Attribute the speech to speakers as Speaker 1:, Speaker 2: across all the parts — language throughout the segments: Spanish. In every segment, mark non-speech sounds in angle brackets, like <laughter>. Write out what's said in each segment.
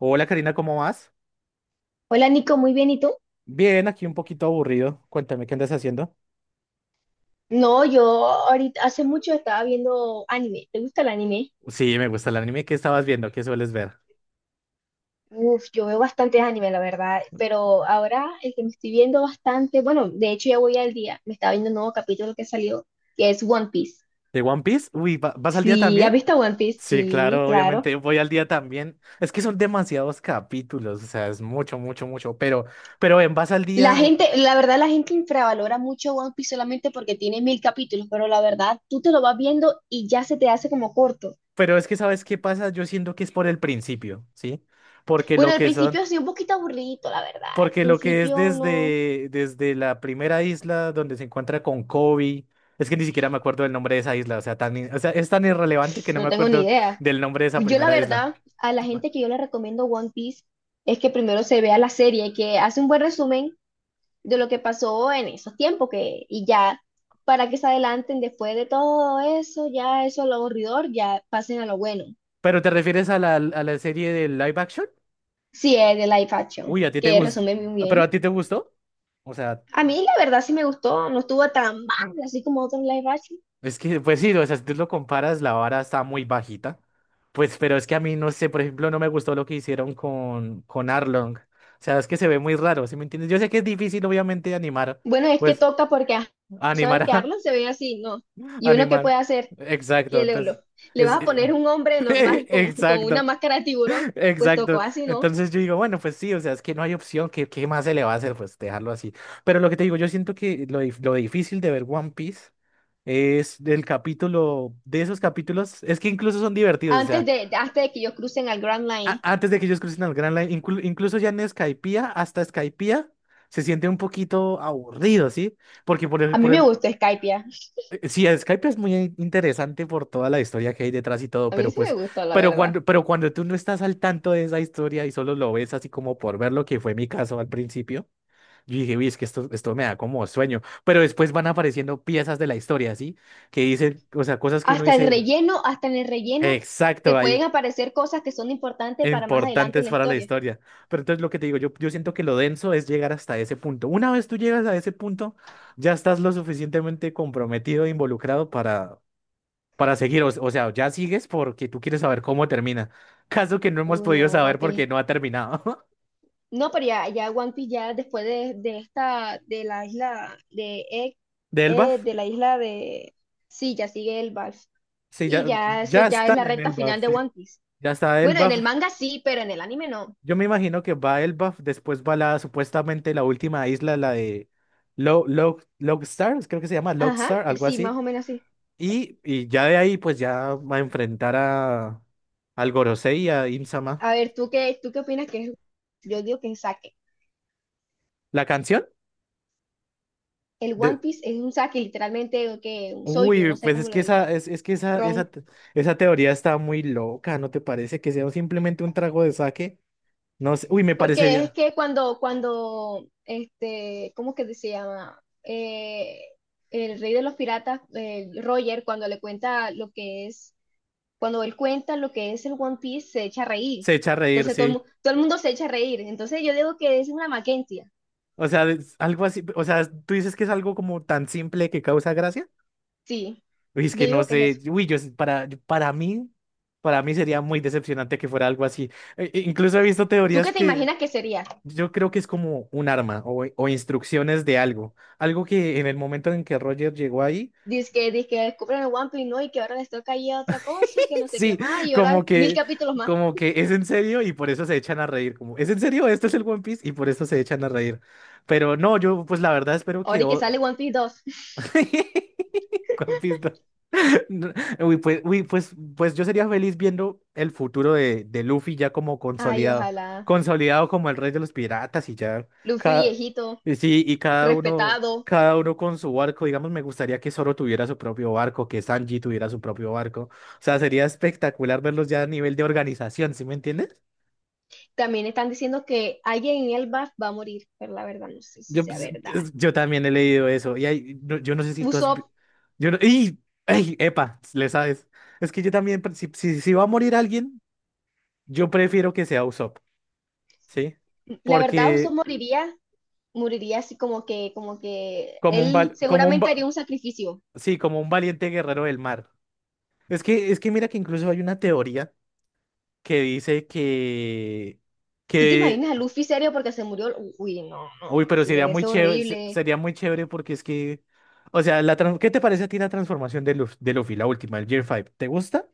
Speaker 1: Hola Karina, ¿cómo vas?
Speaker 2: Hola Nico, muy bien, ¿y tú?
Speaker 1: Bien, aquí un poquito aburrido. Cuéntame qué andas haciendo.
Speaker 2: No, yo ahorita hace mucho estaba viendo anime. ¿Te gusta el anime?
Speaker 1: Sí, me gusta el anime. ¿Qué estabas viendo? ¿Qué sueles ver?
Speaker 2: Uf, yo veo bastantes anime, la verdad, pero ahora el que me estoy viendo bastante, bueno, de hecho ya voy al día, me estaba viendo un nuevo capítulo que salió, que es One Piece.
Speaker 1: ¿De One Piece? Uy, ¿vas al día
Speaker 2: Sí, ¿has
Speaker 1: también?
Speaker 2: visto One Piece?
Speaker 1: Sí,
Speaker 2: Sí,
Speaker 1: claro,
Speaker 2: claro.
Speaker 1: obviamente voy al día también. Es que son demasiados capítulos, o sea, es mucho, mucho, mucho. Pero, ¿en vas al
Speaker 2: La
Speaker 1: día?
Speaker 2: gente, la verdad, la gente infravalora mucho One Piece solamente porque tiene mil capítulos, pero la verdad, tú te lo vas viendo y ya se te hace como corto.
Speaker 1: Pero es que, ¿sabes qué pasa? Yo siento que es por el principio, ¿sí? Porque
Speaker 2: Bueno,
Speaker 1: lo
Speaker 2: al
Speaker 1: que son.
Speaker 2: principio sí, un poquito aburrido, la verdad. Al
Speaker 1: Porque lo que es
Speaker 2: principio no.
Speaker 1: desde, la primera isla donde se encuentra con Kobe, es que ni siquiera me acuerdo del nombre de esa isla, o sea, tan, o sea, es tan irrelevante que no me
Speaker 2: No tengo ni
Speaker 1: acuerdo
Speaker 2: idea.
Speaker 1: del nombre de esa
Speaker 2: Yo la
Speaker 1: primera isla.
Speaker 2: verdad, a la gente que yo le recomiendo One Piece es que primero se vea la serie, que hace un buen resumen de lo que pasó en esos tiempos que, y ya para que se adelanten después de todo eso, ya eso lo aburridor, ya pasen a lo bueno.
Speaker 1: ¿Pero te refieres a la serie de live action?
Speaker 2: Sí, es de live action,
Speaker 1: Uy, a ti te
Speaker 2: que
Speaker 1: gustó,
Speaker 2: resume muy
Speaker 1: pero
Speaker 2: bien.
Speaker 1: a ti te gustó, o sea,
Speaker 2: A mí la verdad sí me gustó, no estuvo tan mal así como otros live action.
Speaker 1: es que, pues sí, o sea, si tú lo comparas, la vara está muy bajita, pues, pero es que a mí, no sé, por ejemplo, no me gustó lo que hicieron con Arlong, o sea, es que se ve muy raro, ¿sí me entiendes? Yo sé que es difícil, obviamente, animar,
Speaker 2: Bueno, es que
Speaker 1: pues,
Speaker 2: toca porque, ¿sabes
Speaker 1: animar
Speaker 2: que
Speaker 1: a...
Speaker 2: Arlong se ve así? No. ¿Y uno qué
Speaker 1: Animal.
Speaker 2: puede hacer?
Speaker 1: Exacto,
Speaker 2: que le, lo-
Speaker 1: entonces.
Speaker 2: Le
Speaker 1: Es,
Speaker 2: vas a poner un hombre
Speaker 1: <laughs>
Speaker 2: normal con una
Speaker 1: exacto,
Speaker 2: máscara de tiburón, pues
Speaker 1: exacto.
Speaker 2: tocó así, ¿no?
Speaker 1: Entonces yo digo, bueno, pues sí, o sea, es que no hay opción, ¿qué, qué más se le va a hacer? Pues dejarlo así. Pero lo que te digo, yo siento que lo difícil de ver One Piece es del capítulo, de esos capítulos, es que incluso son divertidos, o sea,
Speaker 2: Antes de que ellos crucen al Grand Line.
Speaker 1: antes de que ellos crucen al Grand Line, incluso ya en Skypiea, hasta Skypiea, se siente un poquito aburrido, ¿sí? Porque
Speaker 2: A mí me gustó Skypiea,
Speaker 1: Sí, Skype es muy interesante por toda la historia que hay detrás y todo,
Speaker 2: a mí
Speaker 1: pero
Speaker 2: sí me
Speaker 1: pues,
Speaker 2: gustó, la
Speaker 1: pero
Speaker 2: verdad.
Speaker 1: cuando, pero cuando tú no estás al tanto de esa historia y solo lo ves así como por ver lo que fue mi caso al principio, yo dije, uy, es que esto me da como sueño, pero después van apareciendo piezas de la historia, ¿sí? Que dicen, o sea, cosas que uno dice,
Speaker 2: Hasta en el relleno,
Speaker 1: exacto,
Speaker 2: te pueden
Speaker 1: ahí,
Speaker 2: aparecer cosas que son importantes para más adelante en
Speaker 1: importantes
Speaker 2: la
Speaker 1: para la
Speaker 2: historia.
Speaker 1: historia. Pero entonces lo que te digo, yo, siento que lo denso es llegar hasta ese punto. Una vez tú llegas a ese punto, ya estás lo suficientemente comprometido e involucrado para seguir. O sea, ya sigues porque tú quieres saber cómo termina. <laughs> Caso que no hemos
Speaker 2: Uy,
Speaker 1: podido
Speaker 2: no, One
Speaker 1: saber
Speaker 2: Piece.
Speaker 1: porque no ha terminado.
Speaker 2: No, pero ya, ya One Piece, ya después de, de la isla de Egg,
Speaker 1: <laughs> ¿De Elbaf?
Speaker 2: de la isla de... Sí, ya sigue el Vals.
Speaker 1: Sí,
Speaker 2: Y
Speaker 1: ya,
Speaker 2: ya, eso
Speaker 1: ya
Speaker 2: ya es la
Speaker 1: están en
Speaker 2: recta final
Speaker 1: Elbaf,
Speaker 2: de
Speaker 1: sí.
Speaker 2: One Piece.
Speaker 1: Ya está
Speaker 2: Bueno, en el
Speaker 1: Elbaf.
Speaker 2: manga sí, pero en el anime no.
Speaker 1: Yo me imagino que va Elbaf, después va la supuestamente la última isla, la de Logstar, creo que se llama
Speaker 2: Ajá,
Speaker 1: Logstar,
Speaker 2: que
Speaker 1: algo
Speaker 2: sí, más
Speaker 1: así.
Speaker 2: o menos así.
Speaker 1: Y ya de ahí, pues ya va a enfrentar a al Gorosei y a Im-sama.
Speaker 2: A ver, ¿tú qué opinas que es? Yo digo que es saque.
Speaker 1: La canción
Speaker 2: El One
Speaker 1: de,
Speaker 2: Piece es un saque, literalmente, o que un soyu,
Speaker 1: Uy,
Speaker 2: no sé
Speaker 1: pues
Speaker 2: cómo lo digo,
Speaker 1: es que esa,
Speaker 2: ron.
Speaker 1: esa, te- esa teoría está muy loca, ¿no te parece? Que sea simplemente un trago de saque. No sé. Uy, me
Speaker 2: Porque es
Speaker 1: parecería.
Speaker 2: que cuando, cuando, este, ¿cómo que se llama? El rey de los piratas, Roger, cuando le cuenta lo que es, cuando él cuenta lo que es el One Piece, se echa a reír.
Speaker 1: Se echa a reír,
Speaker 2: Entonces
Speaker 1: sí.
Speaker 2: todo el mundo se echa a reír. Entonces yo digo que es una Mackenzie.
Speaker 1: O sea, es algo así. O sea, tú dices que es algo como tan simple que causa gracia.
Speaker 2: Sí,
Speaker 1: Uy, es
Speaker 2: yo
Speaker 1: que no
Speaker 2: digo que es
Speaker 1: sé.
Speaker 2: eso.
Speaker 1: Uy, yo, para mí sería muy decepcionante que fuera algo así. E incluso he visto
Speaker 2: ¿Tú
Speaker 1: teorías
Speaker 2: qué te
Speaker 1: que
Speaker 2: imaginas que sería?
Speaker 1: yo creo que es como un arma o, instrucciones de algo. Algo que en el momento en que Roger llegó ahí.
Speaker 2: Dice que descubren el One Piece, ¿no? Y que ahora les toca ir a otra cosa, que
Speaker 1: <laughs>
Speaker 2: no sé qué
Speaker 1: Sí,
Speaker 2: más, y ahora
Speaker 1: como
Speaker 2: mil
Speaker 1: que,
Speaker 2: capítulos más.
Speaker 1: como que es en serio y por eso se echan a reír. Como, ¿es en serio? Esto es el One Piece y por eso se echan a reír. Pero no, yo pues la verdad espero que
Speaker 2: Ahora y que
Speaker 1: o-
Speaker 2: sale One Piece dos.
Speaker 1: <laughs> Juan Pisto. No, pues yo sería feliz viendo el futuro de Luffy ya como
Speaker 2: Ay,
Speaker 1: consolidado,
Speaker 2: ojalá.
Speaker 1: consolidado como el rey de los piratas y ya
Speaker 2: Luffy
Speaker 1: cada,
Speaker 2: viejito,
Speaker 1: y sí, y
Speaker 2: respetado.
Speaker 1: cada uno con su barco. Digamos, me gustaría que Zoro tuviera su propio barco, que Sanji tuviera su propio barco. O sea, sería espectacular verlos ya a nivel de organización, ¿sí me entiendes?
Speaker 2: También están diciendo que alguien en el BAF va a morir, pero la verdad no sé si
Speaker 1: Yo,
Speaker 2: sea
Speaker 1: pues,
Speaker 2: verdad.
Speaker 1: yo también he leído eso. Y hay, yo no sé si tú has, vi-
Speaker 2: Usopp,
Speaker 1: Yo no- ¡Ey! ¡Ey! ¡Epa! Le sabes. Es que yo también, si va a morir alguien, yo prefiero que sea Usopp, ¿sí?
Speaker 2: la verdad Usopp
Speaker 1: Porque
Speaker 2: moriría, moriría así como que
Speaker 1: como un,
Speaker 2: él
Speaker 1: val- como un,
Speaker 2: seguramente haría
Speaker 1: va-
Speaker 2: un sacrificio.
Speaker 1: sí, como un valiente guerrero del mar. Es que mira que incluso hay una teoría que dice
Speaker 2: ¿Tú te
Speaker 1: que,
Speaker 2: imaginas a Luffy serio porque se murió? Uy, no, no,
Speaker 1: pero
Speaker 2: se
Speaker 1: sería
Speaker 2: debe
Speaker 1: muy
Speaker 2: ser
Speaker 1: chévere, se-
Speaker 2: horrible.
Speaker 1: sería muy chévere porque es que, o sea, ¿qué te parece a ti la transformación de Luffy, la última, el Gear 5? ¿Te gusta?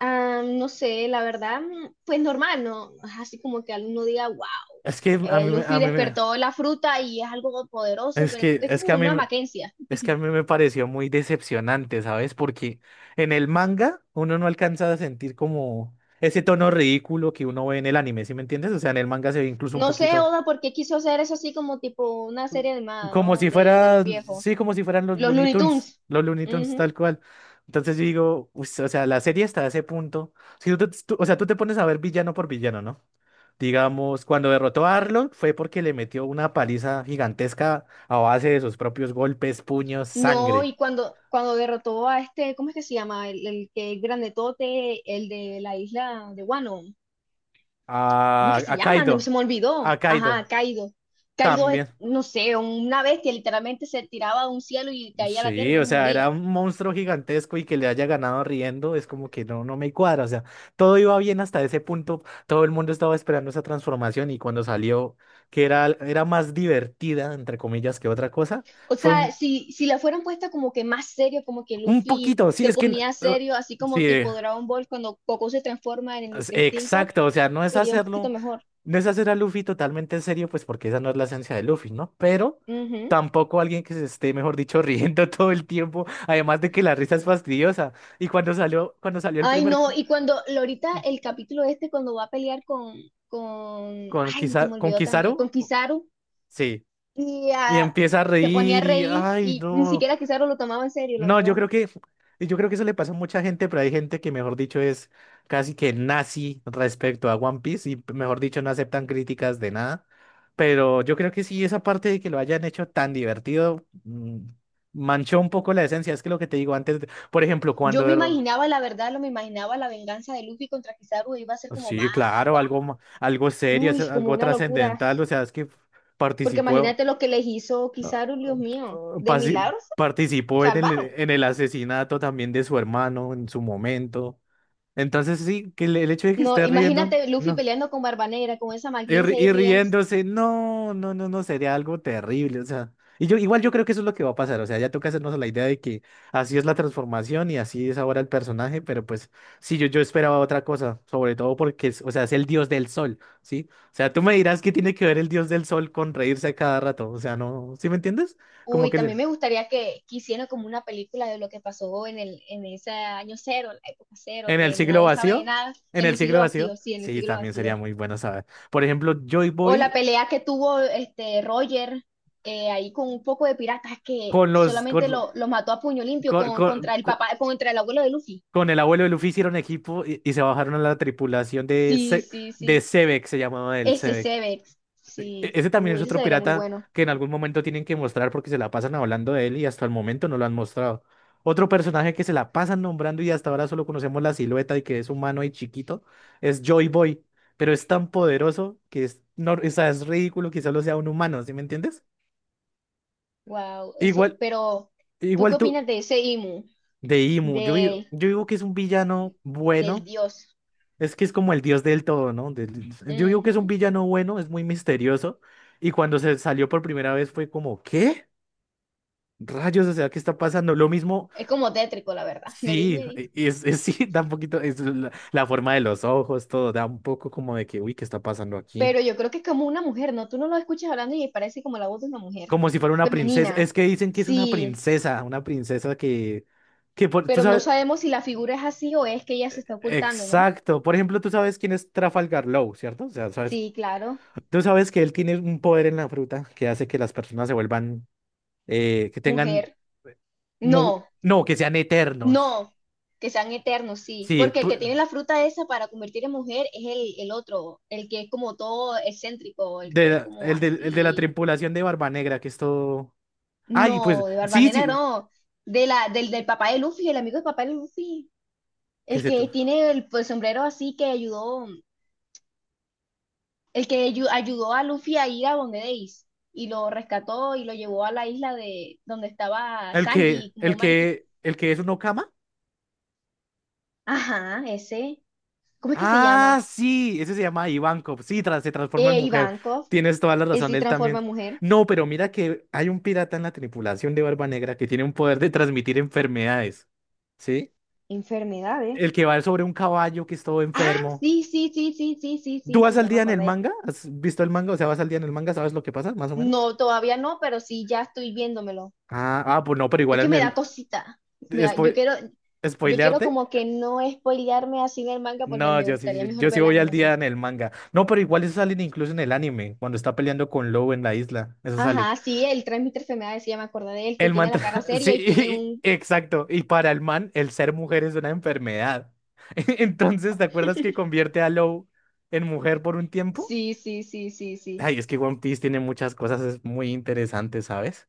Speaker 2: Ah, no sé, la verdad, pues normal, ¿no? Es así como que alguno diga, wow,
Speaker 1: Es que a mí, me- a
Speaker 2: Luffy
Speaker 1: mí me,
Speaker 2: despertó la fruta y es algo poderoso,
Speaker 1: es
Speaker 2: pero
Speaker 1: que,
Speaker 2: es
Speaker 1: es que
Speaker 2: como
Speaker 1: a mí,
Speaker 2: una
Speaker 1: me-
Speaker 2: Mackenzie.
Speaker 1: es que a mí me pareció muy decepcionante, ¿sabes? Porque en el manga uno no alcanza a sentir como ese tono ridículo que uno ve en el anime, ¿sí me entiendes? O sea, en el manga se ve incluso un
Speaker 2: No sé,
Speaker 1: poquito
Speaker 2: Oda, por qué quiso hacer eso así como tipo una serie animada,
Speaker 1: como
Speaker 2: ¿no?
Speaker 1: si
Speaker 2: De los
Speaker 1: fuera,
Speaker 2: viejos,
Speaker 1: sí, como si fueran
Speaker 2: los Looney Tunes.
Speaker 1: Los Looney Tunes
Speaker 2: Ujú.
Speaker 1: tal cual. Entonces yo digo, "Uy, o sea, la serie está a ese punto. Si o sea, tú te pones a ver villano por villano, ¿no? Digamos, cuando derrotó a Arlong fue porque le metió una paliza gigantesca a base de sus propios golpes, puños,
Speaker 2: No,
Speaker 1: sangre.
Speaker 2: y cuando derrotó a este, ¿cómo es que se llama? El que es grandetote, el de la isla de Wano. ¿Cómo es
Speaker 1: A,
Speaker 2: que se
Speaker 1: a
Speaker 2: llama? No, se
Speaker 1: Kaido.
Speaker 2: me
Speaker 1: A
Speaker 2: olvidó. Ajá,
Speaker 1: Kaido
Speaker 2: Kaido. Kaido es,
Speaker 1: también.
Speaker 2: no sé, una bestia, literalmente se tiraba de un cielo y caía a la tierra y
Speaker 1: Sí,
Speaker 2: no
Speaker 1: o
Speaker 2: se
Speaker 1: sea, era
Speaker 2: moría.
Speaker 1: un monstruo gigantesco y que le haya ganado riendo es como que no, no me cuadra. O sea, todo iba bien hasta ese punto. Todo el mundo estaba esperando esa transformación y cuando salió, que era, más divertida, entre comillas, que otra cosa,
Speaker 2: O
Speaker 1: fue
Speaker 2: sea,
Speaker 1: un,
Speaker 2: si la fueran puesta como que más serio, como que
Speaker 1: un
Speaker 2: Luffy
Speaker 1: poquito. Sí,
Speaker 2: se
Speaker 1: es que...
Speaker 2: ponía
Speaker 1: eh,
Speaker 2: serio, así como
Speaker 1: sí.
Speaker 2: tipo Dragon Ball, cuando Goku se transforma en el Ultra Instinto,
Speaker 1: Exacto, o sea, no es
Speaker 2: sería un poquito
Speaker 1: hacerlo,
Speaker 2: mejor.
Speaker 1: no es hacer a Luffy totalmente en serio, pues porque esa no es la esencia de Luffy, ¿no? Pero
Speaker 2: Ujú.
Speaker 1: tampoco alguien que se esté, mejor dicho, <laughs> riendo todo el tiempo, además de que la risa es fastidiosa. Y cuando salió, el
Speaker 2: Ay,
Speaker 1: primer
Speaker 2: no, ahorita el capítulo este, cuando va a pelear con,
Speaker 1: con
Speaker 2: ay, se me olvidó también, con
Speaker 1: Kizaru,
Speaker 2: Kizaru.
Speaker 1: sí,
Speaker 2: Y
Speaker 1: y empieza a
Speaker 2: se ponía a
Speaker 1: reír y,
Speaker 2: reír
Speaker 1: ay,
Speaker 2: y ni
Speaker 1: no.
Speaker 2: siquiera Kizaru lo tomaba en serio, la
Speaker 1: No, yo
Speaker 2: verdad.
Speaker 1: creo que, yo creo que eso le pasa a mucha gente, pero hay gente que, mejor dicho, es casi que nazi respecto a One Piece y, mejor dicho, no aceptan críticas de nada. Pero yo creo que sí, esa parte de que lo hayan hecho tan divertido, manchó un poco la esencia. Es que lo que te digo antes, por ejemplo,
Speaker 2: Yo
Speaker 1: cuando...
Speaker 2: me
Speaker 1: er-
Speaker 2: imaginaba, la verdad, lo me imaginaba la venganza de Luffy contra Kizaru iba a ser como
Speaker 1: Sí,
Speaker 2: más,
Speaker 1: claro,
Speaker 2: guau,
Speaker 1: algo, algo serio, es
Speaker 2: uy, como
Speaker 1: algo
Speaker 2: una locura.
Speaker 1: trascendental, o sea, es que
Speaker 2: Porque
Speaker 1: participó,
Speaker 2: imagínate lo que les hizo
Speaker 1: ah,
Speaker 2: Kizaru,
Speaker 1: ah,
Speaker 2: Dios mío, de
Speaker 1: pasi-
Speaker 2: milagros
Speaker 1: participó en el,
Speaker 2: salvaron.
Speaker 1: en el asesinato también de su hermano en su momento. Entonces sí, que el hecho de que
Speaker 2: No,
Speaker 1: esté riendo,
Speaker 2: imagínate Luffy
Speaker 1: no.
Speaker 2: peleando con Barba Negra, con esa
Speaker 1: Y, ri-
Speaker 2: malicia y
Speaker 1: y
Speaker 2: riendo.
Speaker 1: riéndose, no, no, no, no, sería algo terrible, o sea. Y yo, igual yo creo que eso es lo que va a pasar, o sea, ya toca hacernos a la idea de que así es la transformación y así es ahora el personaje, pero pues sí, yo esperaba otra cosa, sobre todo porque, o sea, es el dios del sol, ¿sí? O sea, tú me dirás que tiene que ver el dios del sol con reírse a cada rato, o sea, no, ¿sí me entiendes? Como
Speaker 2: Uy,
Speaker 1: que
Speaker 2: también me gustaría que hicieran como una película de lo que pasó en el, en ese año cero, la época cero,
Speaker 1: en el
Speaker 2: que
Speaker 1: siglo
Speaker 2: nadie sabe de
Speaker 1: vacío,
Speaker 2: nada,
Speaker 1: en
Speaker 2: en
Speaker 1: el
Speaker 2: el
Speaker 1: siglo
Speaker 2: siglo
Speaker 1: vacío,
Speaker 2: vacío, sí, en el
Speaker 1: sí,
Speaker 2: siglo
Speaker 1: también sería
Speaker 2: vacío.
Speaker 1: muy bueno saber. Por ejemplo, Joy
Speaker 2: O la
Speaker 1: Boy.
Speaker 2: pelea que tuvo este Roger ahí con un poco de piratas que
Speaker 1: Con los
Speaker 2: solamente lo mató a puño limpio
Speaker 1: con,
Speaker 2: con,
Speaker 1: con,
Speaker 2: contra el
Speaker 1: con-
Speaker 2: papá, contra el abuelo de Luffy.
Speaker 1: con el abuelo de Luffy hicieron equipo y se bajaron a la tripulación de
Speaker 2: Sí,
Speaker 1: Se-
Speaker 2: sí,
Speaker 1: de
Speaker 2: sí.
Speaker 1: Sebek, se llamaba el
Speaker 2: Ese
Speaker 1: Sebek.
Speaker 2: Sevex. Sí.
Speaker 1: Ese también es
Speaker 2: Ese
Speaker 1: otro
Speaker 2: sería muy
Speaker 1: pirata
Speaker 2: bueno.
Speaker 1: que en algún momento tienen que mostrar porque se la pasan hablando de él y hasta el momento no lo han mostrado. Otro personaje que se la pasan nombrando y hasta ahora solo conocemos la silueta y que es humano y chiquito es Joy Boy, pero es tan poderoso que es, no, o sea, es ridículo que solo sea un humano, ¿sí me entiendes?
Speaker 2: Wow. Ese,
Speaker 1: Igual,
Speaker 2: pero, ¿tú qué
Speaker 1: igual tú.
Speaker 2: opinas de ese Imu?
Speaker 1: De Imu, yo, digo-
Speaker 2: De,
Speaker 1: yo digo que es un villano
Speaker 2: del
Speaker 1: bueno,
Speaker 2: dios.
Speaker 1: es que es como el dios del todo, ¿no? Del- yo digo que es un
Speaker 2: Ujú.
Speaker 1: villano bueno, es muy misterioso, y cuando se salió por primera vez fue como, ¿qué? Rayos, o sea, ¿qué está pasando? Lo mismo,
Speaker 2: Es como tétrico, la verdad. <laughs> Me dio
Speaker 1: sí,
Speaker 2: miedito.
Speaker 1: <laughs> sí, da un poquito, es la, forma de los ojos, todo, da un poco como de que, ¿qué está pasando aquí?
Speaker 2: Pero yo creo que es como una mujer, ¿no? Tú no lo escuchas hablando y parece como la voz de una mujer.
Speaker 1: Como si fuera una princesa, es
Speaker 2: Femenina.
Speaker 1: que dicen que es
Speaker 2: Sí.
Speaker 1: una princesa que por, tú
Speaker 2: Pero no
Speaker 1: sabes,
Speaker 2: sabemos si la figura es así o es que ella se está ocultando, ¿no?
Speaker 1: exacto, por ejemplo, tú sabes quién es Trafalgar Law, ¿cierto? O sea, sabes
Speaker 2: Sí, claro,
Speaker 1: tú sabes que él tiene un poder en la fruta que hace que las personas se vuelvan, que tengan,
Speaker 2: mujer. No,
Speaker 1: no, que sean eternos.
Speaker 2: no, que sean eternos, sí,
Speaker 1: Sí,
Speaker 2: porque el
Speaker 1: pu-
Speaker 2: que tiene la fruta esa para convertir en mujer es el otro, el que es como todo excéntrico, el
Speaker 1: de,
Speaker 2: que es
Speaker 1: la-
Speaker 2: como
Speaker 1: el de la
Speaker 2: así.
Speaker 1: tripulación de Barba Negra, que es todo.
Speaker 2: No,
Speaker 1: Ay, pues,
Speaker 2: de
Speaker 1: sí,
Speaker 2: Barbanena
Speaker 1: sí,
Speaker 2: no, del, del papá de Luffy, el amigo del papá de Luffy,
Speaker 1: que
Speaker 2: el
Speaker 1: se... to-
Speaker 2: que tiene el sombrero así que ayudó. Ayudó a Luffy a ir a donde Ace y lo rescató y lo llevó a la isla de donde estaba
Speaker 1: El que,
Speaker 2: Sanji como
Speaker 1: el
Speaker 2: mariquita.
Speaker 1: que, el que es un Okama.
Speaker 2: Ajá, ese. ¿Cómo es que se
Speaker 1: Ah,
Speaker 2: llama?
Speaker 1: sí, ese se llama Ivankov. Sí, se transforma en mujer.
Speaker 2: Ivankov.
Speaker 1: Tienes toda la
Speaker 2: Él
Speaker 1: razón,
Speaker 2: sí
Speaker 1: él
Speaker 2: transforma
Speaker 1: también.
Speaker 2: en mujer.
Speaker 1: No, pero mira que hay un pirata en la tripulación de Barba Negra que tiene un poder de transmitir enfermedades. ¿Sí?
Speaker 2: Enfermedades.
Speaker 1: El que va sobre un caballo que es todo
Speaker 2: Ah,
Speaker 1: enfermo.
Speaker 2: sí, sí, sí, sí, sí, sí,
Speaker 1: ¿Tú
Speaker 2: sí,
Speaker 1: vas
Speaker 2: sí,
Speaker 1: al
Speaker 2: ya me
Speaker 1: día en el
Speaker 2: acordé.
Speaker 1: manga? ¿Has visto el manga? O sea, vas al día en el manga, ¿sabes lo que pasa, más o menos?
Speaker 2: No, todavía no, pero sí, ya estoy viéndomelo.
Speaker 1: Ah, ah, pues no, pero
Speaker 2: Es
Speaker 1: igual
Speaker 2: que
Speaker 1: en
Speaker 2: me da
Speaker 1: el...
Speaker 2: cosita. Yo
Speaker 1: ¿Spo-
Speaker 2: quiero, yo quiero
Speaker 1: ¿Spoilearte?
Speaker 2: como que no spoilearme así en el manga porque
Speaker 1: No,
Speaker 2: me
Speaker 1: yo
Speaker 2: gustaría
Speaker 1: sí, sí,
Speaker 2: mejor
Speaker 1: yo sí
Speaker 2: ver la
Speaker 1: voy al día
Speaker 2: animación.
Speaker 1: en el manga. No, pero igual eso sale incluso en el anime, cuando está peleando con Lou en la isla. Eso sale.
Speaker 2: Ajá, sí, el transmitter se me decía, me acordé de él, que
Speaker 1: El man...
Speaker 2: tiene la cara
Speaker 1: tra- <laughs> Sí,
Speaker 2: seria y tiene un...
Speaker 1: exacto. Y para el man, el ser mujer es una enfermedad. <laughs> Entonces, ¿te acuerdas que convierte a Lou en mujer por un tiempo?
Speaker 2: Sí, sí, sí, sí, sí.
Speaker 1: Ay, es que One Piece tiene muchas cosas es muy interesantes, ¿sabes?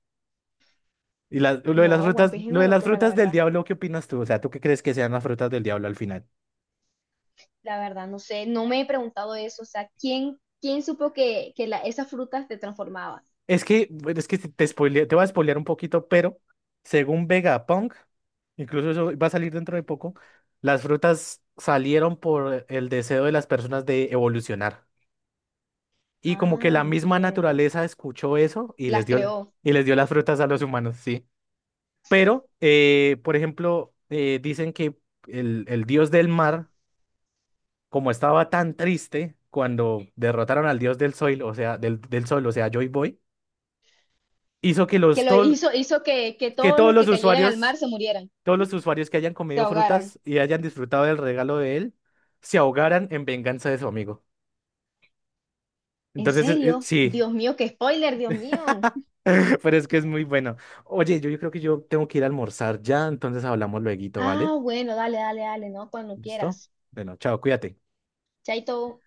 Speaker 1: Y lo de las
Speaker 2: No, One
Speaker 1: frutas,
Speaker 2: Piece es
Speaker 1: lo
Speaker 2: una
Speaker 1: de las
Speaker 2: locura, la
Speaker 1: frutas del
Speaker 2: verdad.
Speaker 1: diablo, ¿qué opinas tú? O sea, ¿tú qué crees que sean las frutas del diablo al final?
Speaker 2: La verdad, no sé, no me he preguntado eso. O sea, ¿quién supo que, esas frutas te transformaban?
Speaker 1: Es que, bueno, es que te voy a spoilear un poquito, pero según Vegapunk, incluso eso va a salir dentro de poco, las frutas salieron por el deseo de las personas de evolucionar. Y como que
Speaker 2: Ah,
Speaker 1: la misma
Speaker 2: entiendo.
Speaker 1: naturaleza escuchó eso y les
Speaker 2: Las
Speaker 1: dio,
Speaker 2: creó.
Speaker 1: y les dio las frutas a los humanos, sí. Pero, por ejemplo, dicen que el, dios del mar, como estaba tan triste cuando derrotaron al dios del sol, o sea, del, sol, o sea, Joy Boy, hizo que
Speaker 2: Que
Speaker 1: los
Speaker 2: lo
Speaker 1: tol-
Speaker 2: hizo, hizo que
Speaker 1: que
Speaker 2: todos
Speaker 1: todos
Speaker 2: los que
Speaker 1: los
Speaker 2: cayeran al
Speaker 1: usuarios,
Speaker 2: mar se murieran,
Speaker 1: todos los usuarios que hayan
Speaker 2: se
Speaker 1: comido
Speaker 2: ahogaran.
Speaker 1: frutas y hayan disfrutado del regalo de él, se ahogaran en venganza de su amigo.
Speaker 2: ¿En
Speaker 1: Entonces,
Speaker 2: serio?
Speaker 1: sí,
Speaker 2: Dios mío, qué spoiler, Dios mío.
Speaker 1: <laughs> pero es que es muy bueno. Oye, yo, creo que yo tengo que ir a almorzar ya, entonces hablamos lueguito, ¿vale?
Speaker 2: Ah, bueno, dale, ¿no? Cuando
Speaker 1: ¿Listo?
Speaker 2: quieras.
Speaker 1: Bueno, chao, cuídate.
Speaker 2: Chaito.